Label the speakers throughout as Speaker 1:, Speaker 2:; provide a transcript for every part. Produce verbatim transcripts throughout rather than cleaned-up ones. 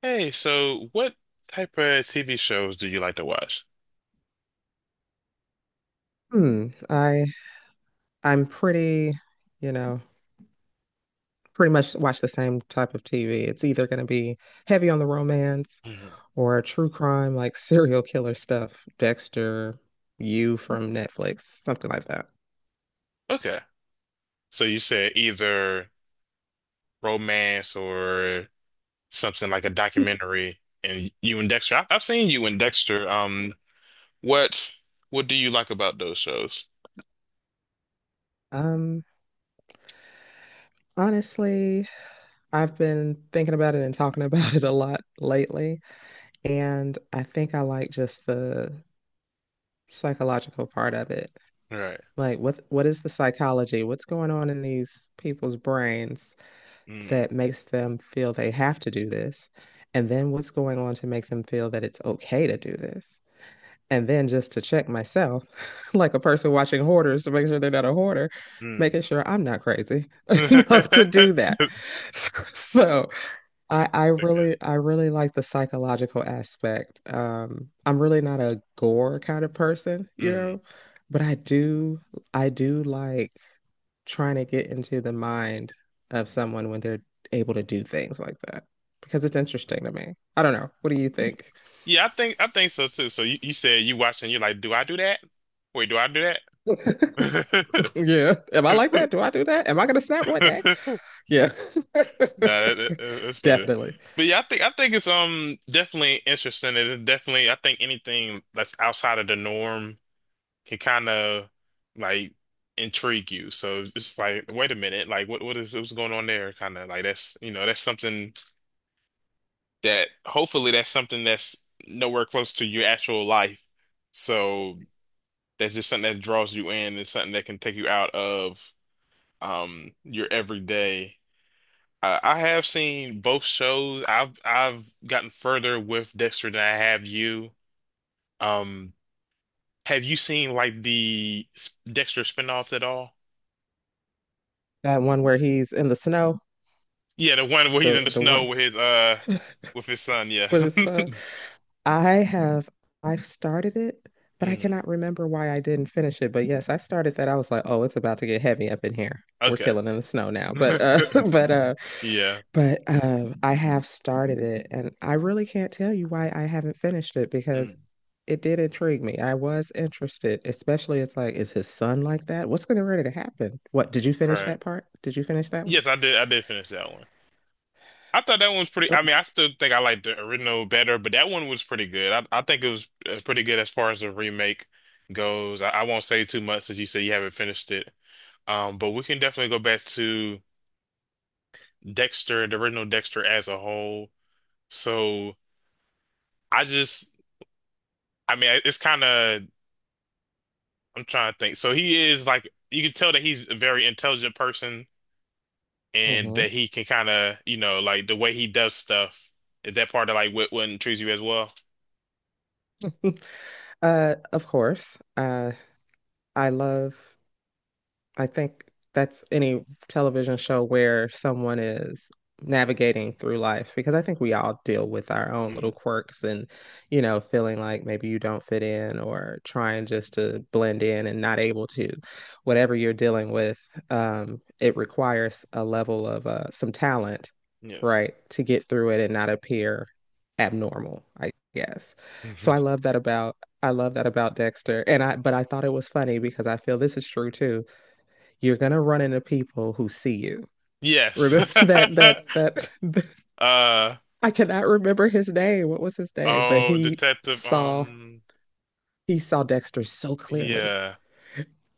Speaker 1: Hey, so what type of T V shows do you like to watch?
Speaker 2: Hmm. I I'm pretty, you know, pretty much watch the same type of T V. It's either going to be heavy on the romance
Speaker 1: Hmm.
Speaker 2: or true crime, like serial killer stuff, Dexter, You from Netflix, something like that.
Speaker 1: Okay. So you said either romance or something like a documentary and you and Dexter. I I've seen you and Dexter. Um, what what do you like about those shows?
Speaker 2: Um, Honestly, I've been thinking about it and talking about it a lot lately, and I think I like just the psychological part of it.
Speaker 1: Right.
Speaker 2: Like what what is the psychology? What's going on in these people's brains that makes them feel they have to do this? And then what's going on to make them feel that it's okay to do this? And then just to check myself, like a person watching hoarders to make sure they're not a hoarder,
Speaker 1: Mm-hmm.
Speaker 2: making sure I'm not crazy enough to do that. So I, I
Speaker 1: Okay.
Speaker 2: really I really like the psychological aspect. Um, I'm really not a gore kind of person, you
Speaker 1: Mm-hmm.
Speaker 2: know, but I do I do like trying to get into the mind of someone when they're able to do things like that because it's interesting to me. I don't know. What do you think?
Speaker 1: Yeah, I think I think so too. So you, you said you watching, you're like, do I do that? Wait, do I do that?
Speaker 2: Yeah. Am I like that? Do I do that? Am I gonna snap one day? Yeah.
Speaker 1: Nah, that, that, that's funny.
Speaker 2: Definitely.
Speaker 1: But yeah, I think I think it's um definitely interesting. It is definitely I think anything that's outside of the norm can kind of like intrigue you. So it's just like, wait a minute, like what what is what's going on there? Kind of like that's you know that's something that hopefully that's something that's nowhere close to your actual life. So that's just something that draws you in. It's something that can take you out of um your everyday. Uh, I have seen both shows. I've I've gotten further with Dexter than I have you. Um, have you seen like the s- Dexter spinoff at all?
Speaker 2: That one where he's in the snow,
Speaker 1: Yeah, the one where he's
Speaker 2: the
Speaker 1: in the
Speaker 2: the
Speaker 1: snow
Speaker 2: one
Speaker 1: with his uh with
Speaker 2: with
Speaker 1: his son. Yeah.
Speaker 2: his son. I have, I've started it, but I
Speaker 1: Mhm.
Speaker 2: cannot remember why I didn't finish it. But yes, I started that. I was like, oh, it's about to get heavy up in here. We're
Speaker 1: Okay.
Speaker 2: killing in the snow now. But uh but uh
Speaker 1: Yeah.
Speaker 2: but uh I have started it and I really can't tell you why I haven't finished it because
Speaker 1: Mm.
Speaker 2: it did intrigue me. I was interested, especially it's like, is his son like that? What's gonna ready to happen? What did you finish
Speaker 1: Right.
Speaker 2: that part? Did you finish that one?
Speaker 1: Yes, I did. I did finish that one. I thought that one was pretty. I mean, I still think I like the original better, but that one was pretty good. I, I think it was, it was pretty good as far as the remake goes. I, I won't say too much since you said you haven't finished it. Um, but we can definitely go back to Dexter, the original Dexter as a whole. So I just, I mean, it's kind of, I'm trying to think. So he is like, you can tell that he's a very intelligent person and
Speaker 2: Hmm.
Speaker 1: that he can kind of, you know, like the way he does stuff. Is that part of like what, what intrigues you as well?
Speaker 2: Uh, of course. Uh, I love. I think that's any television show where someone is navigating through life because I think we all deal with our own
Speaker 1: Mhm.
Speaker 2: little quirks and, you know, feeling like maybe you don't fit in or trying just to blend in and not able to. Whatever you're dealing with, um, it requires a level of uh, some talent,
Speaker 1: Yeah.
Speaker 2: right, to get through it and not appear abnormal, I guess. So I love that about I love that about Dexter. And I But I thought it was funny because I feel this is true too you're gonna run into people who see you.
Speaker 1: Yes.
Speaker 2: Remember that that that, that
Speaker 1: Uh
Speaker 2: I cannot remember his name. What was his name? But
Speaker 1: oh,
Speaker 2: he
Speaker 1: detective.
Speaker 2: saw
Speaker 1: Um,
Speaker 2: he saw Dexter so clearly.
Speaker 1: yeah.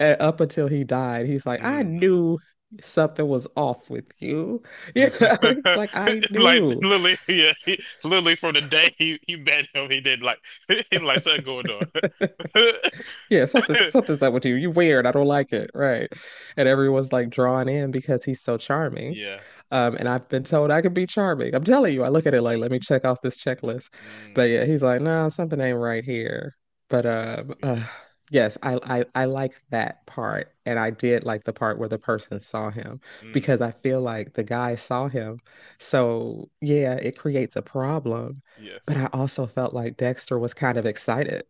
Speaker 2: And up until he died, he's like, I
Speaker 1: Mm.
Speaker 2: knew something was off with you. Yeah, you know? Like I
Speaker 1: Like
Speaker 2: knew.
Speaker 1: Lily, yeah, he, Lily from the day he, he met him, he did like he like something going on.
Speaker 2: Yeah, something something's up with you. You're weird. I don't like it. Right. And everyone's like drawn in because he's so charming.
Speaker 1: Yeah.
Speaker 2: Um, and I've been told I could be charming. I'm telling you, I look at it like, let me check off this checklist. But
Speaker 1: Mm.
Speaker 2: yeah, he's like, no, something ain't right here. But um, uh,
Speaker 1: Yeah.
Speaker 2: Yes, I, I I like that part, and I did like the part where the person saw him
Speaker 1: Mm.
Speaker 2: because I feel like the guy saw him. So yeah, it creates a problem.
Speaker 1: Yes.
Speaker 2: But I also felt like Dexter was kind of excited,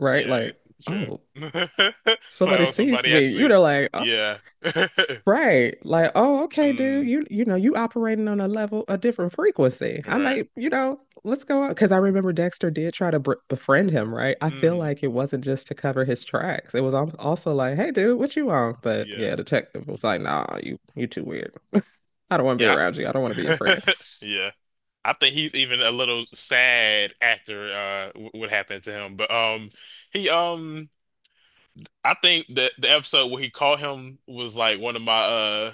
Speaker 2: right?
Speaker 1: Yeah.
Speaker 2: Like,
Speaker 1: It's true.
Speaker 2: oh,
Speaker 1: It's like,
Speaker 2: somebody
Speaker 1: oh,
Speaker 2: sees
Speaker 1: somebody
Speaker 2: me. You
Speaker 1: actually.
Speaker 2: know, like,
Speaker 1: Yeah.
Speaker 2: right. Like, oh, okay, dude,
Speaker 1: Mm.
Speaker 2: you you know, you operating on a level, a different frequency. I
Speaker 1: Right.
Speaker 2: might, you know, let's go on. Because I remember Dexter did try to br befriend him, right? I feel
Speaker 1: Mm.
Speaker 2: like it wasn't just to cover his tracks. It was al- also like, hey, dude, what you on? But
Speaker 1: Yeah.
Speaker 2: yeah, detective was like, nah, you you too weird. I don't want to be
Speaker 1: Yeah.
Speaker 2: around you. I don't want to be your
Speaker 1: I-
Speaker 2: friend.
Speaker 1: Yeah. I think he's even a little sad after uh w- what happened to him. But um he um I think that the episode where he caught him was like one of my uh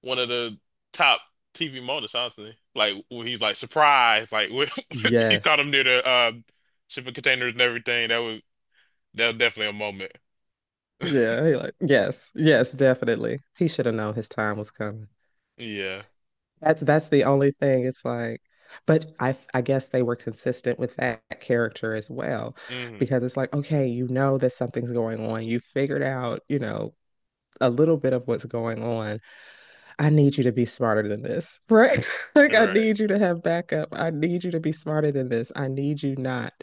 Speaker 1: one of the top T V moments, honestly. Like when he's like surprised, like when he caught
Speaker 2: Yes.
Speaker 1: him near the uh shipping containers and everything. That was that was definitely a moment.
Speaker 2: Yeah. He like, yes. Yes, definitely. He should have known his time was coming.
Speaker 1: Yeah.
Speaker 2: That's that's the only thing. It's like, but I I guess they were consistent with that character as well,
Speaker 1: Hmm.
Speaker 2: because it's like, okay, you know that something's going on. You figured out, you know, a little bit of what's going on. I need you to be smarter than this, right? Like I
Speaker 1: Right.
Speaker 2: need you to have backup. I need you to be smarter than this. I need you not,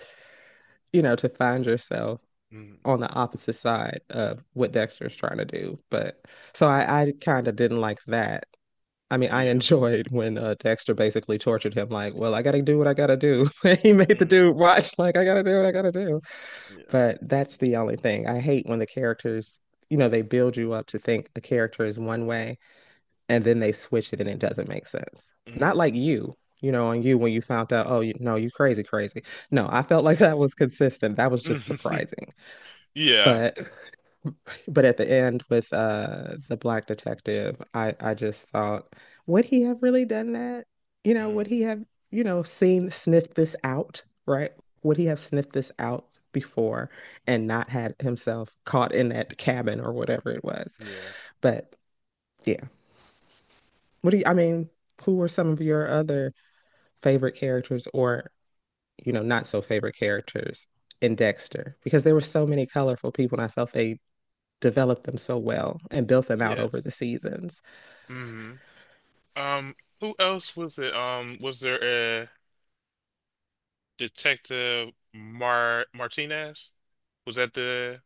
Speaker 2: you know, to find yourself
Speaker 1: Hmm.
Speaker 2: on the opposite side of what Dexter's trying to do. But so I I kind of didn't like that I mean, I
Speaker 1: Yeah.
Speaker 2: enjoyed when uh, Dexter basically tortured him, like, well, I gotta do what I gotta do. He made the
Speaker 1: Hmm.
Speaker 2: dude watch, like, I gotta do what I gotta do.
Speaker 1: Yeah.
Speaker 2: But that's the only thing. I hate when the characters, you know, they build you up to think the character is one way and then they switch it and it doesn't make sense.
Speaker 1: Hmm.
Speaker 2: Not like you, you know, on you when you found out, oh, you, no, you crazy, crazy. No, I felt like that was consistent. That was just surprising.
Speaker 1: Yeah.
Speaker 2: But but at the end with uh the black detective, I I just thought, would he have really done that? You know, would
Speaker 1: Hmm.
Speaker 2: he have, you know, seen sniffed this out, right? Would he have sniffed this out before and not had himself caught in that cabin or whatever it was?
Speaker 1: Yeah.
Speaker 2: But yeah. What do you, I mean, who were some of your other favorite characters or, you know, not so favorite characters in Dexter? Because there were so many colorful people and I felt they developed them so well and built them out over
Speaker 1: Yes.
Speaker 2: the seasons.
Speaker 1: Hmm. Um, who else was it? Um, was there a Detective Mar Martinez? Was that the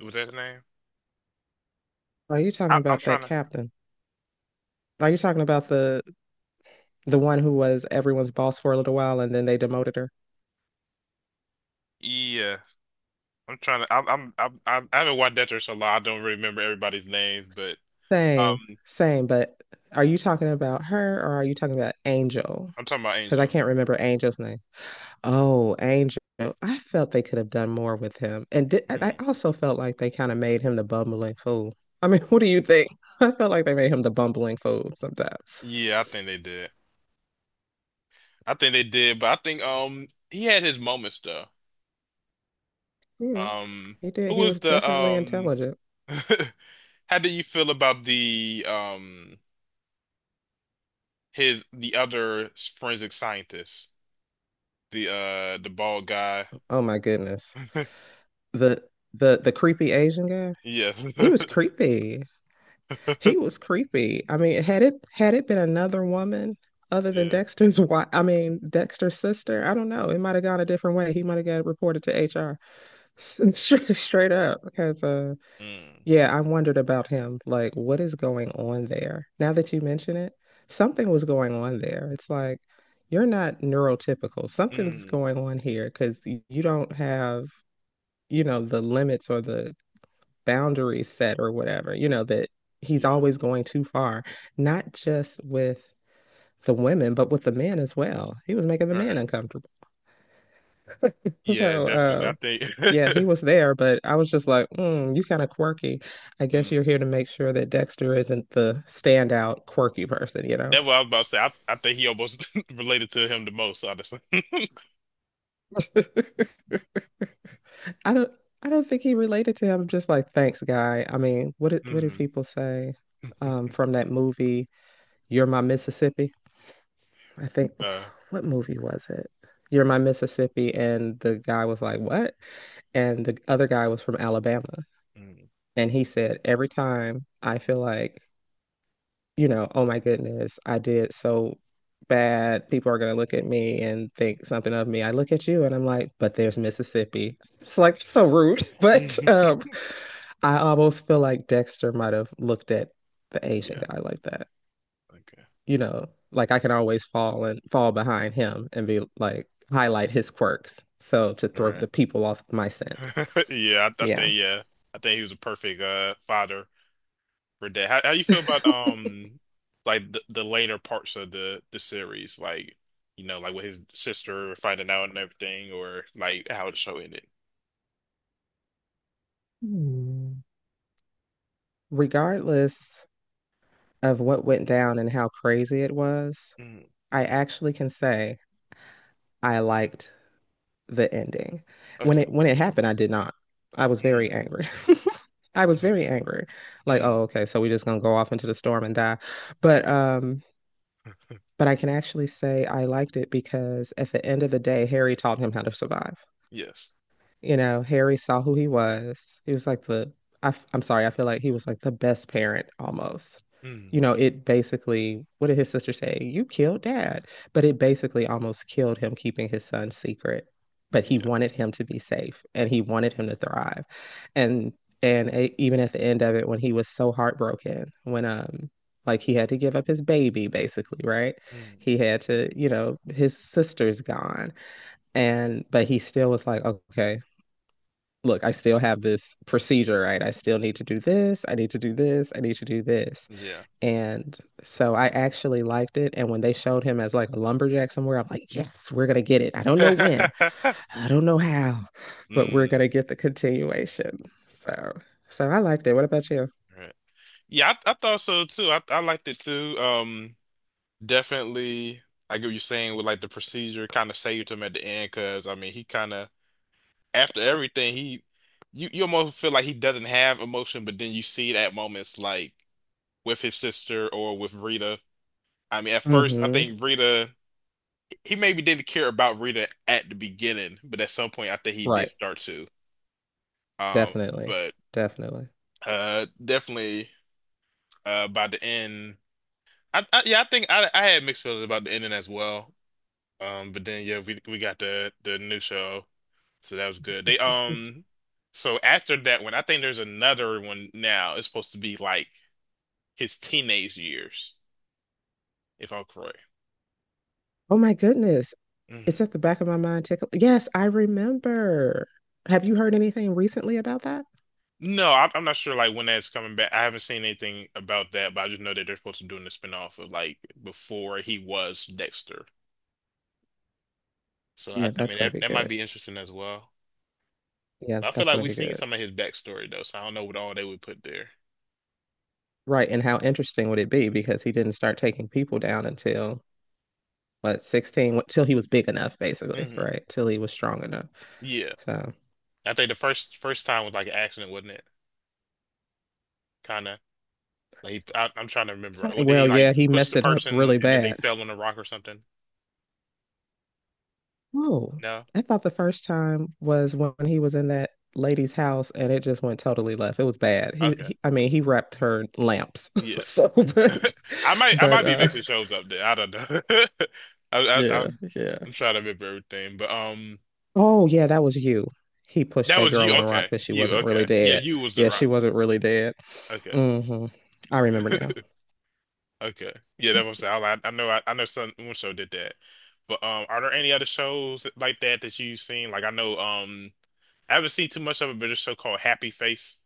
Speaker 1: was that the name?
Speaker 2: Are you
Speaker 1: I,
Speaker 2: talking
Speaker 1: I'm
Speaker 2: about
Speaker 1: trying
Speaker 2: that
Speaker 1: to.
Speaker 2: captain? Are you talking about the the one who was everyone's boss for a little while and then they demoted her?
Speaker 1: Yeah, I'm trying to. I'm, I'm I'm I'm- I haven't watched Dexter a lot. I don't really remember everybody's names, but
Speaker 2: Same,
Speaker 1: um,
Speaker 2: same, but are you talking about her or are you talking about Angel?
Speaker 1: I'm talking about
Speaker 2: Because I
Speaker 1: Angel.
Speaker 2: can't remember Angel's name. Oh, Angel. I felt they could have done more with him. And di- I I
Speaker 1: Hmm.
Speaker 2: also felt like they kind of made him the bumbling fool. I mean, what do you think? I felt like they made him the bumbling fool sometimes.
Speaker 1: Yeah, I think they did. I think they did, but I think um he had his moments though.
Speaker 2: Yeah,
Speaker 1: Um,
Speaker 2: he did.
Speaker 1: who
Speaker 2: He
Speaker 1: was
Speaker 2: was
Speaker 1: the
Speaker 2: definitely
Speaker 1: um?
Speaker 2: intelligent.
Speaker 1: How do you feel about the um? His The other forensic scientist, the uh the bald guy.
Speaker 2: Oh my goodness. The the the creepy Asian guy.
Speaker 1: Yes.
Speaker 2: He was creepy. He was creepy. I mean, had it had it been another woman other than
Speaker 1: Yeah.
Speaker 2: Dexter's wife, I mean Dexter's sister, I don't know. It might have gone a different way. He might have got reported to H R straight, straight up because uh
Speaker 1: Mm.
Speaker 2: yeah, I wondered about him. Like, what is going on there? Now that you mention it, something was going on there. It's like you're not neurotypical. Something's
Speaker 1: Mm.
Speaker 2: going on here because you don't have, you know, the limits or the boundaries set or whatever, you know, that he's
Speaker 1: Yeah.
Speaker 2: always going too far, not just with the women, but with the men as well. He was making the
Speaker 1: All
Speaker 2: men
Speaker 1: right.
Speaker 2: uncomfortable.
Speaker 1: Yeah,
Speaker 2: So,
Speaker 1: definitely.
Speaker 2: uh,
Speaker 1: I
Speaker 2: yeah, he
Speaker 1: think
Speaker 2: was there, but I was just like, mm, you kind of quirky. I guess
Speaker 1: mm.
Speaker 2: you're here to make sure that Dexter isn't the standout quirky person, you know?
Speaker 1: That's what I was about to say. I, I think he almost related to him the most, honestly.
Speaker 2: I don't. I don't think he related to him. I'm just like, thanks, guy. I mean, what did what did
Speaker 1: Mm.
Speaker 2: people say um, from that movie? You're my Mississippi. I think
Speaker 1: Uh,
Speaker 2: what movie was it? You're My Mississippi, and the guy was like, "What?" And the other guy was from Alabama,
Speaker 1: mm.
Speaker 2: and he said, "Every time I feel like, you know, oh my goodness, I did so bad. People are gonna look at me and think something of me. I look at you, and I'm like, but there's Mississippi. It's like so rude, but
Speaker 1: Mm.
Speaker 2: um, I almost feel like Dexter might have looked at the Asian
Speaker 1: Yeah.
Speaker 2: guy like that
Speaker 1: Okay.
Speaker 2: you know, like I can always fall and fall behind him and be like highlight his quirks. So to
Speaker 1: All
Speaker 2: throw
Speaker 1: right.
Speaker 2: the people off my scent.
Speaker 1: Yeah, I, I
Speaker 2: Yeah.
Speaker 1: think yeah. I think he was a perfect uh father for that. How how you feel about um like the, the later parts of the the series, like you know, like with his sister finding out and everything, or like how the show ended.
Speaker 2: Hmm. Regardless of what went down and how crazy it was,
Speaker 1: Mm,
Speaker 2: I actually can say I liked the ending. When
Speaker 1: okay.
Speaker 2: it when it happened, I did not. I was
Speaker 1: Mm,
Speaker 2: very angry. I was very angry. Like, oh,
Speaker 1: mm,
Speaker 2: okay, so we're just gonna go off into the storm and die. But um But I can actually say I liked it because at the end of the day, Harry taught him how to survive.
Speaker 1: yes.
Speaker 2: You know, Harry saw who he was. He was like the, I, am sorry, I feel like he was like the best parent almost.
Speaker 1: Mm,
Speaker 2: You know, it basically, what did his sister say? You killed dad. But it basically almost killed him keeping his son secret. But he
Speaker 1: yeah.
Speaker 2: wanted him to be safe and he wanted him to thrive. And and e- Even at the end of it, when he was so heartbroken, when um like he had to give up his baby basically, right?
Speaker 1: Mm,
Speaker 2: He had to, you know, his sister's gone. And but he still was like, okay, look, I still have this procedure, right? I still need to do this. I need to do this. I need to do this.
Speaker 1: yeah.
Speaker 2: And so I actually liked it. And when they showed him as like a lumberjack somewhere, I'm like, yes, we're going to get it. I don't know when, I don't know how, but we're going
Speaker 1: Mm,
Speaker 2: to get the continuation. So, so I liked it. What about you?
Speaker 1: right. Yeah, I, I thought so too. I I liked it too. Um, definitely. I get what you're saying with like the procedure kind of saved him at the end because I mean he kind of after everything he you you almost feel like he doesn't have emotion, but then you see it at moments like with his sister or with Rita. I mean, at
Speaker 2: Mm
Speaker 1: first I
Speaker 2: hmm
Speaker 1: think Rita he maybe didn't care about Rita at the beginning, but at some point I think he did
Speaker 2: Right.
Speaker 1: start to. Um,
Speaker 2: Definitely.
Speaker 1: but
Speaker 2: Definitely.
Speaker 1: uh definitely uh by the end I, I yeah, I think I I had mixed feelings about the ending as well. Um, but then yeah, we we got the the new show. So that was good. They um so after that one, I think there's another one now. It's supposed to be like his teenage years, if I'm correct.
Speaker 2: Oh my goodness. It's
Speaker 1: Hmm.
Speaker 2: at the back of my mind tickle. Yes, I remember. Have you heard anything recently about that?
Speaker 1: No, I'm, I'm not sure like when that's coming back. I haven't seen anything about that, but I just know that they're supposed to be doing the spinoff of like before he was Dexter. So I, I
Speaker 2: Yeah, that's
Speaker 1: mean
Speaker 2: going
Speaker 1: that
Speaker 2: to be
Speaker 1: that might
Speaker 2: good.
Speaker 1: be interesting as well.
Speaker 2: Yeah,
Speaker 1: But I feel
Speaker 2: that's
Speaker 1: like
Speaker 2: gonna
Speaker 1: we've
Speaker 2: be
Speaker 1: seen
Speaker 2: good.
Speaker 1: some of his backstory though, so I don't know what all they would put there.
Speaker 2: Right, and how interesting would it be because he didn't start taking people down until what sixteen, till he was big enough, basically,
Speaker 1: Hmm.
Speaker 2: right? Till he was strong enough.
Speaker 1: Yeah,
Speaker 2: So,
Speaker 1: I think the first first time was like an accident, wasn't it? Kind of. Like he- I, I'm trying to remember. Right?
Speaker 2: ki-
Speaker 1: Well, did he
Speaker 2: well,
Speaker 1: like
Speaker 2: yeah, he
Speaker 1: push
Speaker 2: messed
Speaker 1: the
Speaker 2: it up
Speaker 1: person
Speaker 2: really
Speaker 1: and then they
Speaker 2: bad.
Speaker 1: fell on a rock or something?
Speaker 2: Oh,
Speaker 1: No.
Speaker 2: I thought the first time was when he was in that lady's house and it just went totally left. It was bad. He,
Speaker 1: Okay.
Speaker 2: he I mean, he wrapped her in lamps.
Speaker 1: Yeah.
Speaker 2: So, but,
Speaker 1: I might I
Speaker 2: but,
Speaker 1: might be
Speaker 2: uh,
Speaker 1: mixing shows up there. I don't know. I, I
Speaker 2: yeah,
Speaker 1: I'm
Speaker 2: yeah.
Speaker 1: I'm trying to remember everything, but um,
Speaker 2: Oh yeah, that was you. He pushed
Speaker 1: that
Speaker 2: that
Speaker 1: was
Speaker 2: girl
Speaker 1: you.
Speaker 2: on a rock,
Speaker 1: Okay,
Speaker 2: but she
Speaker 1: you.
Speaker 2: wasn't really
Speaker 1: Okay, yeah,
Speaker 2: dead.
Speaker 1: you was the
Speaker 2: Yeah,
Speaker 1: rock.
Speaker 2: she wasn't really dead.
Speaker 1: Okay.
Speaker 2: Hmm. I remember now.
Speaker 1: Okay. Yeah, that was I, I I know I, I know some one show did that. But um are there any other shows like that that you've seen? Like I know um I haven't seen too much of it, but there's a show called Happy Face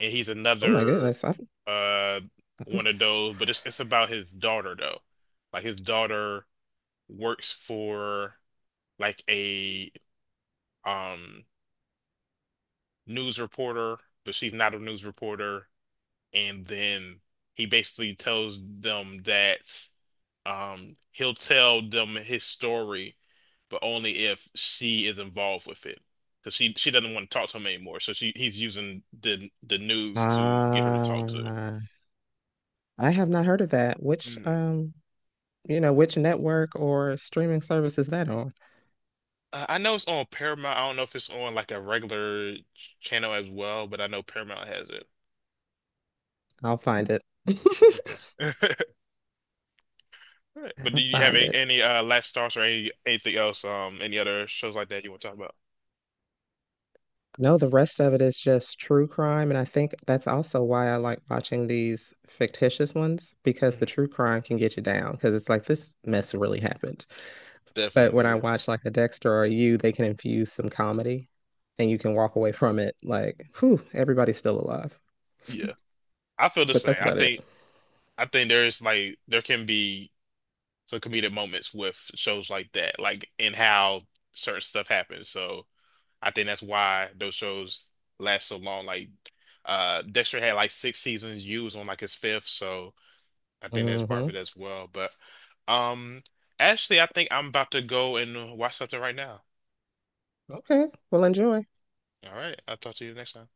Speaker 1: and he's
Speaker 2: Oh my
Speaker 1: another
Speaker 2: goodness. I've,
Speaker 1: uh one of those, but it's it's about his daughter though. Like his daughter works for like a um news reporter, but she's not a news reporter. And then he basically tells them that um he'll tell them his story, but only if she is involved with it. Because she she doesn't want to talk to him anymore. So she he's using the the news to get her to talk to
Speaker 2: uh, I have not heard of that. Which
Speaker 1: it.
Speaker 2: um, you know, which network or streaming service is that on?
Speaker 1: Uh, I know it's on Paramount. I don't know if it's on like a regular ch- channel as well, but I know Paramount has it.
Speaker 2: I'll find it.
Speaker 1: Okay. All right. But do
Speaker 2: I'll
Speaker 1: you have
Speaker 2: find
Speaker 1: a,
Speaker 2: it.
Speaker 1: any uh last stars or any anything else? Um, any other shows like that you want to talk about?
Speaker 2: No, the rest of it is just true crime, and I think that's also why I like watching these fictitious ones because the
Speaker 1: Mhm.
Speaker 2: true crime can get you down because it's like this mess really happened. But when
Speaker 1: Definitely,
Speaker 2: I
Speaker 1: yeah,
Speaker 2: watch like a Dexter or you, they can infuse some comedy and you can walk away from it like, whew, everybody's still alive.
Speaker 1: yeah. I feel the
Speaker 2: But
Speaker 1: same.
Speaker 2: that's
Speaker 1: I
Speaker 2: about it.
Speaker 1: think I think there's like there can be some comedic moments with shows like that, like in how certain stuff happens. So I think that's why those shows last so long. Like, uh, Dexter had like six seasons. You was on like his fifth, so. I think that's part of it
Speaker 2: Hmm.
Speaker 1: as well. But um, actually, I think I'm about to go and watch something right now.
Speaker 2: Okay. Well, enjoy.
Speaker 1: All right, I'll talk to you next time.